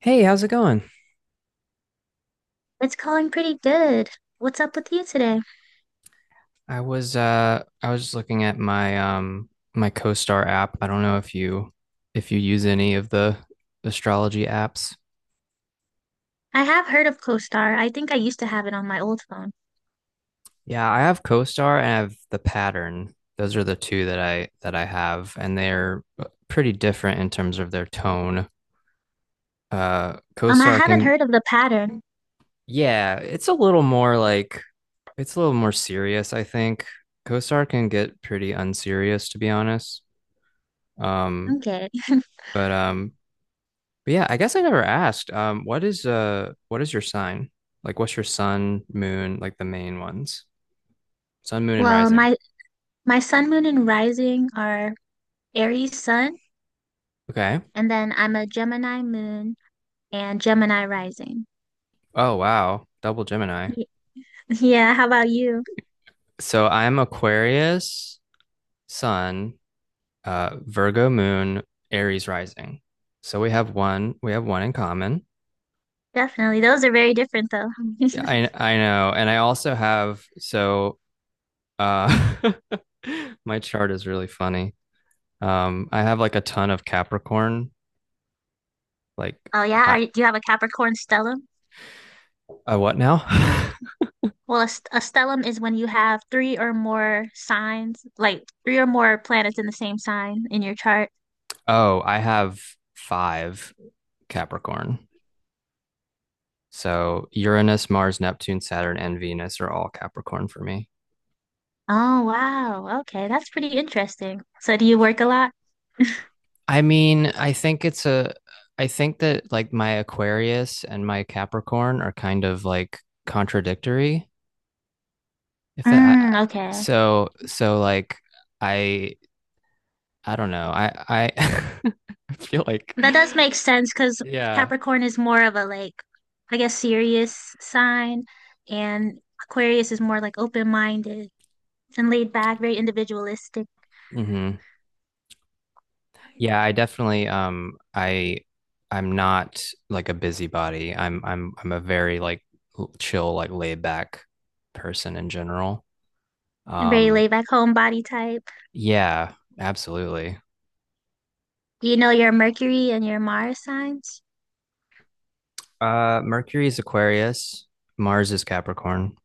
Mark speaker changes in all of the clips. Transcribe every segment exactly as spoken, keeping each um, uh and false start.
Speaker 1: Hey, how's it going?
Speaker 2: It's calling pretty good. What's up with you today?
Speaker 1: I was uh I was just looking at my um my CoStar app. I don't know if you if you use any of the astrology apps.
Speaker 2: I have heard of CoStar. I think I used to have it on my old phone.
Speaker 1: Yeah, I have CoStar and I have the Pattern. Those are the two that I that I have, and they're uh, pretty different in terms of their tone. Uh
Speaker 2: Um, I
Speaker 1: CoStar
Speaker 2: haven't
Speaker 1: can
Speaker 2: heard of the pattern.
Speaker 1: yeah, it's a little more like it's a little more serious, I think. CoStar can get pretty unserious, to be honest. Um,
Speaker 2: Okay.
Speaker 1: but um, But yeah, I guess I never asked. Um, what is uh what is your sign? Like what's your sun, moon, like the main ones? Sun, moon, and
Speaker 2: Well,
Speaker 1: rising.
Speaker 2: my my sun, moon, and rising are Aries sun,
Speaker 1: Okay.
Speaker 2: and then I'm a Gemini moon and Gemini rising.
Speaker 1: Oh wow. Double Gemini.
Speaker 2: Ye- Yeah, how about you?
Speaker 1: So I'm Aquarius, sun, uh, Virgo moon, Aries rising. So we have one, we have one in common.
Speaker 2: Definitely. Those are very different though.
Speaker 1: Yeah, I I know. And I also have so uh my chart is really funny. Um, I have like a ton of Capricorn, like
Speaker 2: Oh yeah, are,
Speaker 1: high
Speaker 2: you- do you have a Capricorn stellium?
Speaker 1: a what now?
Speaker 2: Well, a, st- a stellium is when you have three or more signs, like three or more planets in the same sign in your chart.
Speaker 1: Oh, I have five Capricorn. So Uranus, Mars, Neptune, Saturn, and Venus are all Capricorn for me.
Speaker 2: Oh, wow. Okay, that's pretty interesting. So do you work a lot?
Speaker 1: I mean, I think it's a, I think that like my Aquarius and my Capricorn are kind of like contradictory. If that, I,
Speaker 2: Mm, okay.
Speaker 1: so, so like I, I don't know. I, I, I feel like,
Speaker 2: That does make sense because
Speaker 1: yeah.
Speaker 2: Capricorn is more of a like, I guess, serious sign, and Aquarius is more like open-minded and laid back, very individualistic,
Speaker 1: Mm-hmm. Yeah, I definitely um I I'm not like a busybody. I'm I'm I'm a very like l- chill, like laid back person in general.
Speaker 2: and very
Speaker 1: Um
Speaker 2: laid back homebody type.
Speaker 1: yeah, absolutely.
Speaker 2: Do you know your Mercury and your Mars signs?
Speaker 1: Uh Mercury is Aquarius, Mars is Capricorn.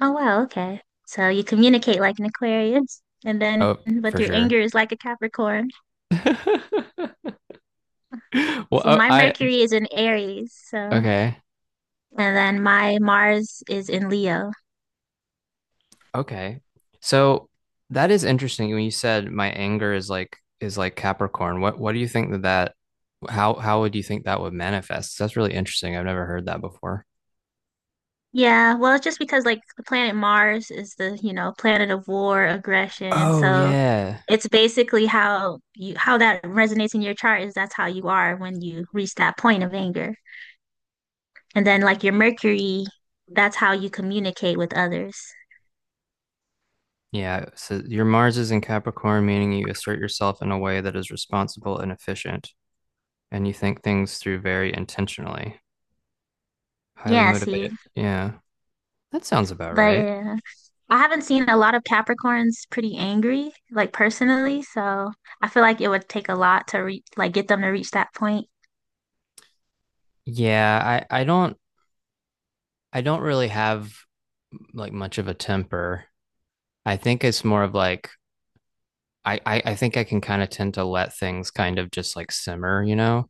Speaker 2: Oh, wow, okay. So you communicate like an Aquarius, and then
Speaker 1: Oh,
Speaker 2: but
Speaker 1: for
Speaker 2: your
Speaker 1: sure.
Speaker 2: anger is like a Capricorn.
Speaker 1: Well,
Speaker 2: See,
Speaker 1: oh,
Speaker 2: my
Speaker 1: I
Speaker 2: Mercury is in Aries, so.
Speaker 1: okay.
Speaker 2: And then my Mars is in Leo.
Speaker 1: Okay. So that is interesting when you said my anger is like is like Capricorn. What what do you think that that how how would you think that would manifest? That's really interesting. I've never heard that before.
Speaker 2: Yeah, well, it's just because like the planet Mars is the, you know, planet of war, aggression.
Speaker 1: Oh
Speaker 2: So
Speaker 1: yeah.
Speaker 2: it's basically how you how that resonates in your chart is that's how you are when you reach that point of anger. And then like your Mercury, that's how you communicate with others.
Speaker 1: Yeah, so your Mars is in Capricorn, meaning you assert yourself in a way that is responsible and efficient, and you think things through very intentionally. Highly
Speaker 2: Yeah, see.
Speaker 1: motivated. Yeah. That sounds about
Speaker 2: But
Speaker 1: right.
Speaker 2: yeah. I haven't seen a lot of Capricorns pretty angry, like personally, so I feel like it would take a lot to re like get them to reach that point.
Speaker 1: Yeah, I I don't I don't really have like much of a temper. I think it's more of like I I, I think I can kind of tend to let things kind of just like simmer, you know.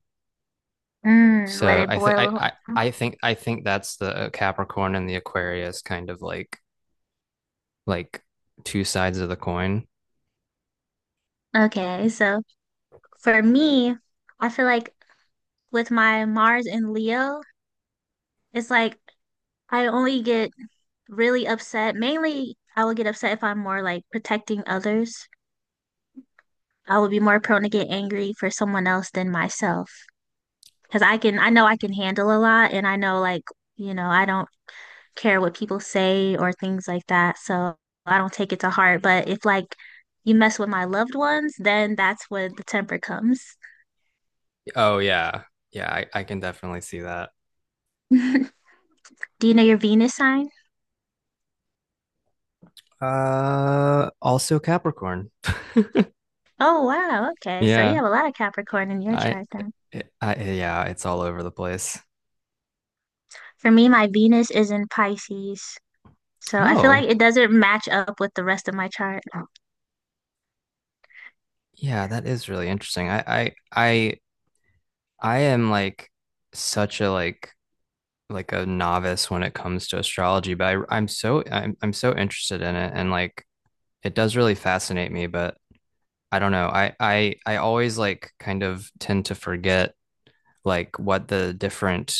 Speaker 2: Mm, let
Speaker 1: So
Speaker 2: it
Speaker 1: I think I
Speaker 2: boil.
Speaker 1: I I think I think that's the Capricorn and the Aquarius kind of like like two sides of the coin.
Speaker 2: Okay, so for me, I feel like with my Mars and Leo, it's like I only get really upset. Mainly, I will get upset if I'm more like protecting others. I will be more prone to get angry for someone else than myself because I can, I know I can handle a lot and I know like, you know, I don't care what people say or things like that. So I don't take it to heart. But if like you mess with my loved ones, then that's where the temper comes.
Speaker 1: Oh yeah. Yeah, I, I can definitely see that.
Speaker 2: Do you know your Venus sign?
Speaker 1: Uh also Capricorn.
Speaker 2: Oh, wow. Okay. So you
Speaker 1: Yeah.
Speaker 2: have a lot of Capricorn in your
Speaker 1: I,
Speaker 2: chart then.
Speaker 1: it, I yeah, it's all over the place.
Speaker 2: For me, my Venus is in Pisces. So I feel like
Speaker 1: Oh,
Speaker 2: it doesn't match up with the rest of my chart.
Speaker 1: yeah, that is really interesting. I I I I am like such a like like a novice when it comes to astrology, but I, I'm so I'm I'm so interested in it and like it does really fascinate me, but I don't know. I I I always like kind of tend to forget like what the different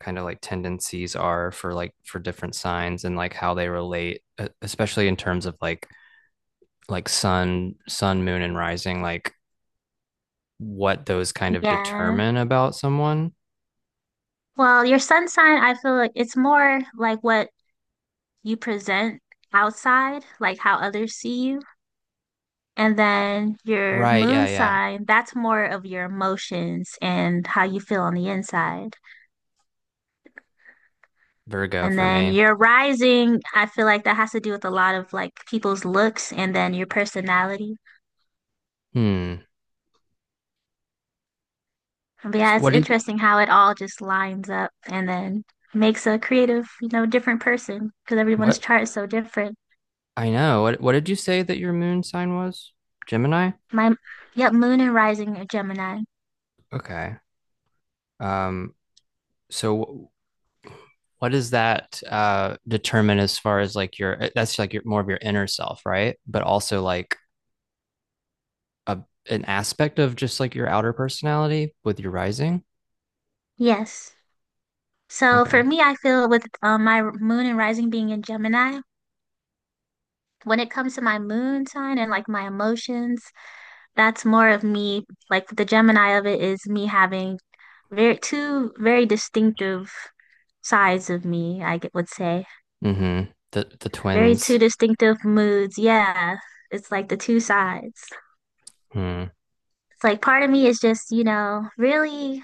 Speaker 1: kind of like tendencies are for like for different signs and like how they relate, e- especially in terms of like like sun sun moon and rising, like what those kind of
Speaker 2: Yeah.
Speaker 1: determine about someone.
Speaker 2: Well, your sun sign, I feel like it's more like what you present outside, like how others see you. And then your
Speaker 1: Right, yeah,
Speaker 2: moon
Speaker 1: yeah.
Speaker 2: sign, that's more of your emotions and how you feel on the inside.
Speaker 1: Virgo
Speaker 2: And
Speaker 1: for
Speaker 2: then
Speaker 1: me.
Speaker 2: your rising, I feel like that has to do with a lot of like people's looks and then your personality.
Speaker 1: Hmm.
Speaker 2: But
Speaker 1: S-
Speaker 2: yeah, it's
Speaker 1: What did
Speaker 2: interesting how it all just lines up and then makes a creative, you know, different person because everyone's
Speaker 1: what
Speaker 2: chart is so different.
Speaker 1: I know. What what did you say that your moon sign was? Gemini?
Speaker 2: My, yep, moon and rising are Gemini.
Speaker 1: Okay. Um, so wh- what does that uh determine as far as like your uh, that's like your more of your inner self, right? But also like a an aspect of just like your outer personality with your rising?
Speaker 2: Yes. So for
Speaker 1: Okay.
Speaker 2: me, I feel with um, my moon and rising being in Gemini, when it comes to my moon sign and like my emotions, that's more of me, like the Gemini of it is me having very two very distinctive sides of me, I g- would say.
Speaker 1: Mm-hmm. The the
Speaker 2: Very two
Speaker 1: twins.
Speaker 2: distinctive moods. Yeah, it's like the two sides.
Speaker 1: Hmm.
Speaker 2: It's like part of me is just, you know, really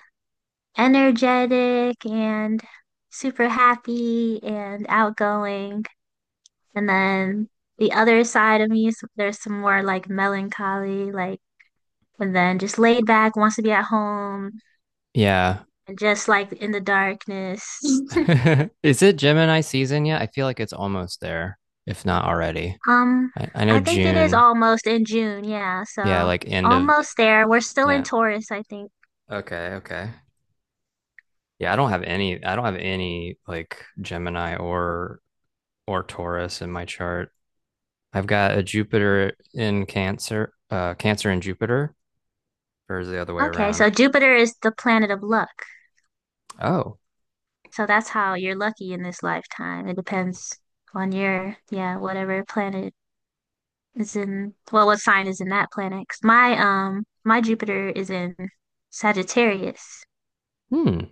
Speaker 2: energetic and super happy and outgoing. And then the other side of me is there's some more like melancholy, like, and then just laid back, wants to be at home
Speaker 1: Yeah.
Speaker 2: and just like in the darkness.
Speaker 1: Is it Gemini season yet? I feel like it's almost there, if not already.
Speaker 2: Um,
Speaker 1: I, I know
Speaker 2: I think it is
Speaker 1: June.
Speaker 2: almost in June, yeah,
Speaker 1: Yeah,
Speaker 2: so
Speaker 1: like end of
Speaker 2: almost there. We're still in
Speaker 1: Yeah.
Speaker 2: Taurus, I think.
Speaker 1: Okay. Okay. Yeah, I don't have any. I don't have any like Gemini or or Taurus in my chart. I've got a Jupiter in Cancer, uh, Cancer in Jupiter, or is it the other way
Speaker 2: Okay,
Speaker 1: around?
Speaker 2: so Jupiter is the planet of luck.
Speaker 1: Oh,
Speaker 2: So that's how you're lucky in this lifetime. It depends on your, yeah, whatever planet is in, well, what sign is in that planet. 'Cause my um my Jupiter is in Sagittarius.
Speaker 1: hmm.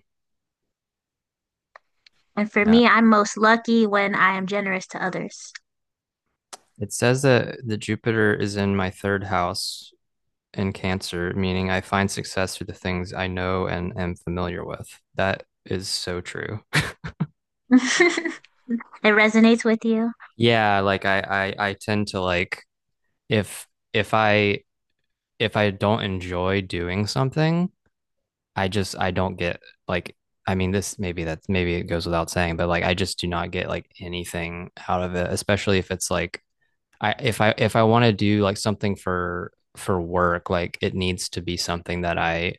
Speaker 2: And for
Speaker 1: Yeah.
Speaker 2: me, I'm most lucky when I am generous to others.
Speaker 1: It says that the Jupiter is in my third house in Cancer, meaning I find success through the things I know and am familiar with. That is so true.
Speaker 2: It resonates with you.
Speaker 1: Yeah, like I I, I tend to like if if I if I don't enjoy doing something, I just I don't get like I mean this maybe that's maybe it goes without saying, but like I just do not get like anything out of it, especially if it's like I if I if I want to do like something for for work, like it needs to be something that I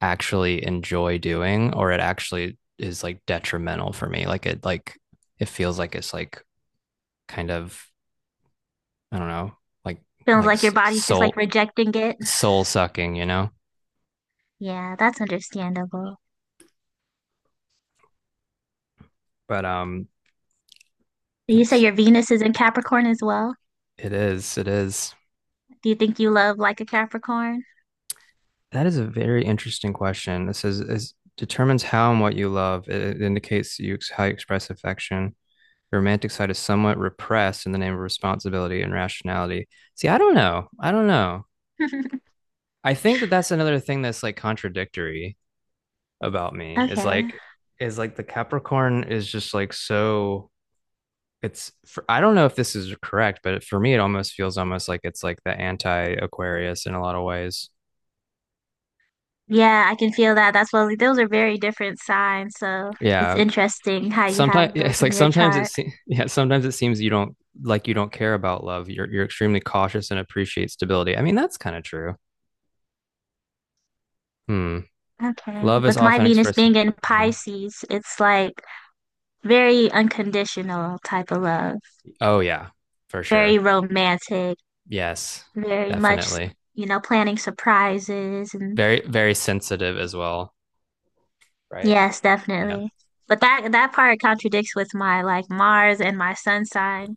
Speaker 1: actually enjoy doing or it actually is like detrimental for me. Like it like it feels like it's like kind of I don't know, like
Speaker 2: Feels
Speaker 1: like
Speaker 2: like your body's just like
Speaker 1: soul
Speaker 2: rejecting it.
Speaker 1: soul sucking, you know?
Speaker 2: Yeah, that's understandable.
Speaker 1: But um
Speaker 2: You
Speaker 1: let's
Speaker 2: say your
Speaker 1: see
Speaker 2: Venus is in Capricorn as well.
Speaker 1: It is. It is.
Speaker 2: Do you think you love like a Capricorn?
Speaker 1: That is a very interesting question. This is, is determines how and what you love. It, it indicates you ex- how you express affection. The romantic side is somewhat repressed in the name of responsibility and rationality. See, I don't know. I don't know. I think that that's another thing that's like contradictory about me is
Speaker 2: Okay.
Speaker 1: like is like the Capricorn is just like so it's for, I don't know if this is correct, but for me it almost feels almost like it's like the anti-Aquarius in a lot of ways.
Speaker 2: Yeah, I can feel that. That's well, those are very different signs, so it's
Speaker 1: Yeah,
Speaker 2: interesting how you
Speaker 1: sometimes
Speaker 2: have those
Speaker 1: it's
Speaker 2: in
Speaker 1: like
Speaker 2: your
Speaker 1: sometimes it
Speaker 2: chart.
Speaker 1: seems yeah sometimes it seems you don't like you don't care about love you're you're extremely cautious and appreciate stability. I mean that's kind of true. Hmm.
Speaker 2: Okay.
Speaker 1: Love is
Speaker 2: With my
Speaker 1: often
Speaker 2: Venus
Speaker 1: expressed
Speaker 2: being in
Speaker 1: yeah.
Speaker 2: Pisces, it's like very unconditional type of love,
Speaker 1: Oh yeah, for
Speaker 2: very
Speaker 1: sure.
Speaker 2: romantic,
Speaker 1: Yes,
Speaker 2: very much,
Speaker 1: definitely.
Speaker 2: you know, planning surprises and
Speaker 1: Very very sensitive as well, right.
Speaker 2: yes,
Speaker 1: Yeah,
Speaker 2: definitely. But that that part contradicts with my like Mars and my sun sign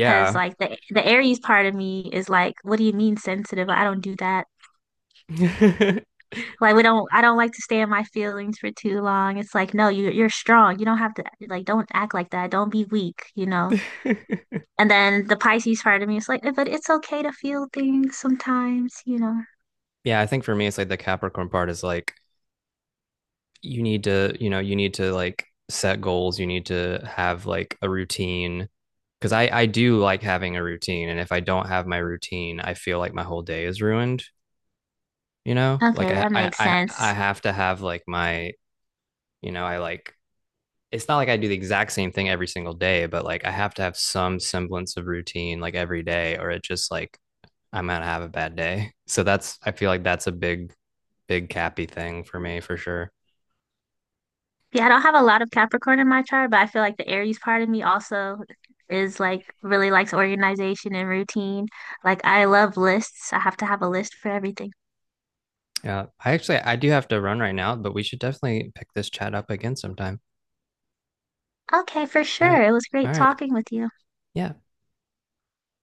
Speaker 2: because like the the Aries part of me is like, what do you mean sensitive? I don't do that. Like we don't I don't like to stay in my feelings for too long. It's like, no, you you're strong. You don't have to like don't act like that. Don't be weak, you know. And then the Pisces part of me is like, "Eh, but it's okay to feel things sometimes, you know.
Speaker 1: Yeah, I think for me it's like the Capricorn part is like you need to, you know, you need to like set goals, you need to have like a routine because i i do like having a routine and if I don't have my routine I feel like my whole day is ruined. You know like
Speaker 2: Okay,
Speaker 1: i
Speaker 2: that
Speaker 1: i
Speaker 2: makes sense.
Speaker 1: i, I have to have like my, you know, I like it's not like I do the exact same thing every single day but like I have to have some semblance of routine like every day or it just like I'm gonna have a bad day. So that's, I feel like that's a big big cappy thing for me for sure.
Speaker 2: Yeah, I don't have a lot of Capricorn in my chart, but I feel like the Aries part of me also is like really likes organization and routine. Like I love lists. I have to have a list for everything.
Speaker 1: Yeah, I actually I do have to run right now, but we should definitely pick this chat up again sometime.
Speaker 2: Okay, for
Speaker 1: All
Speaker 2: sure.
Speaker 1: right.
Speaker 2: It was
Speaker 1: All
Speaker 2: great
Speaker 1: right.
Speaker 2: talking with you.
Speaker 1: Yeah.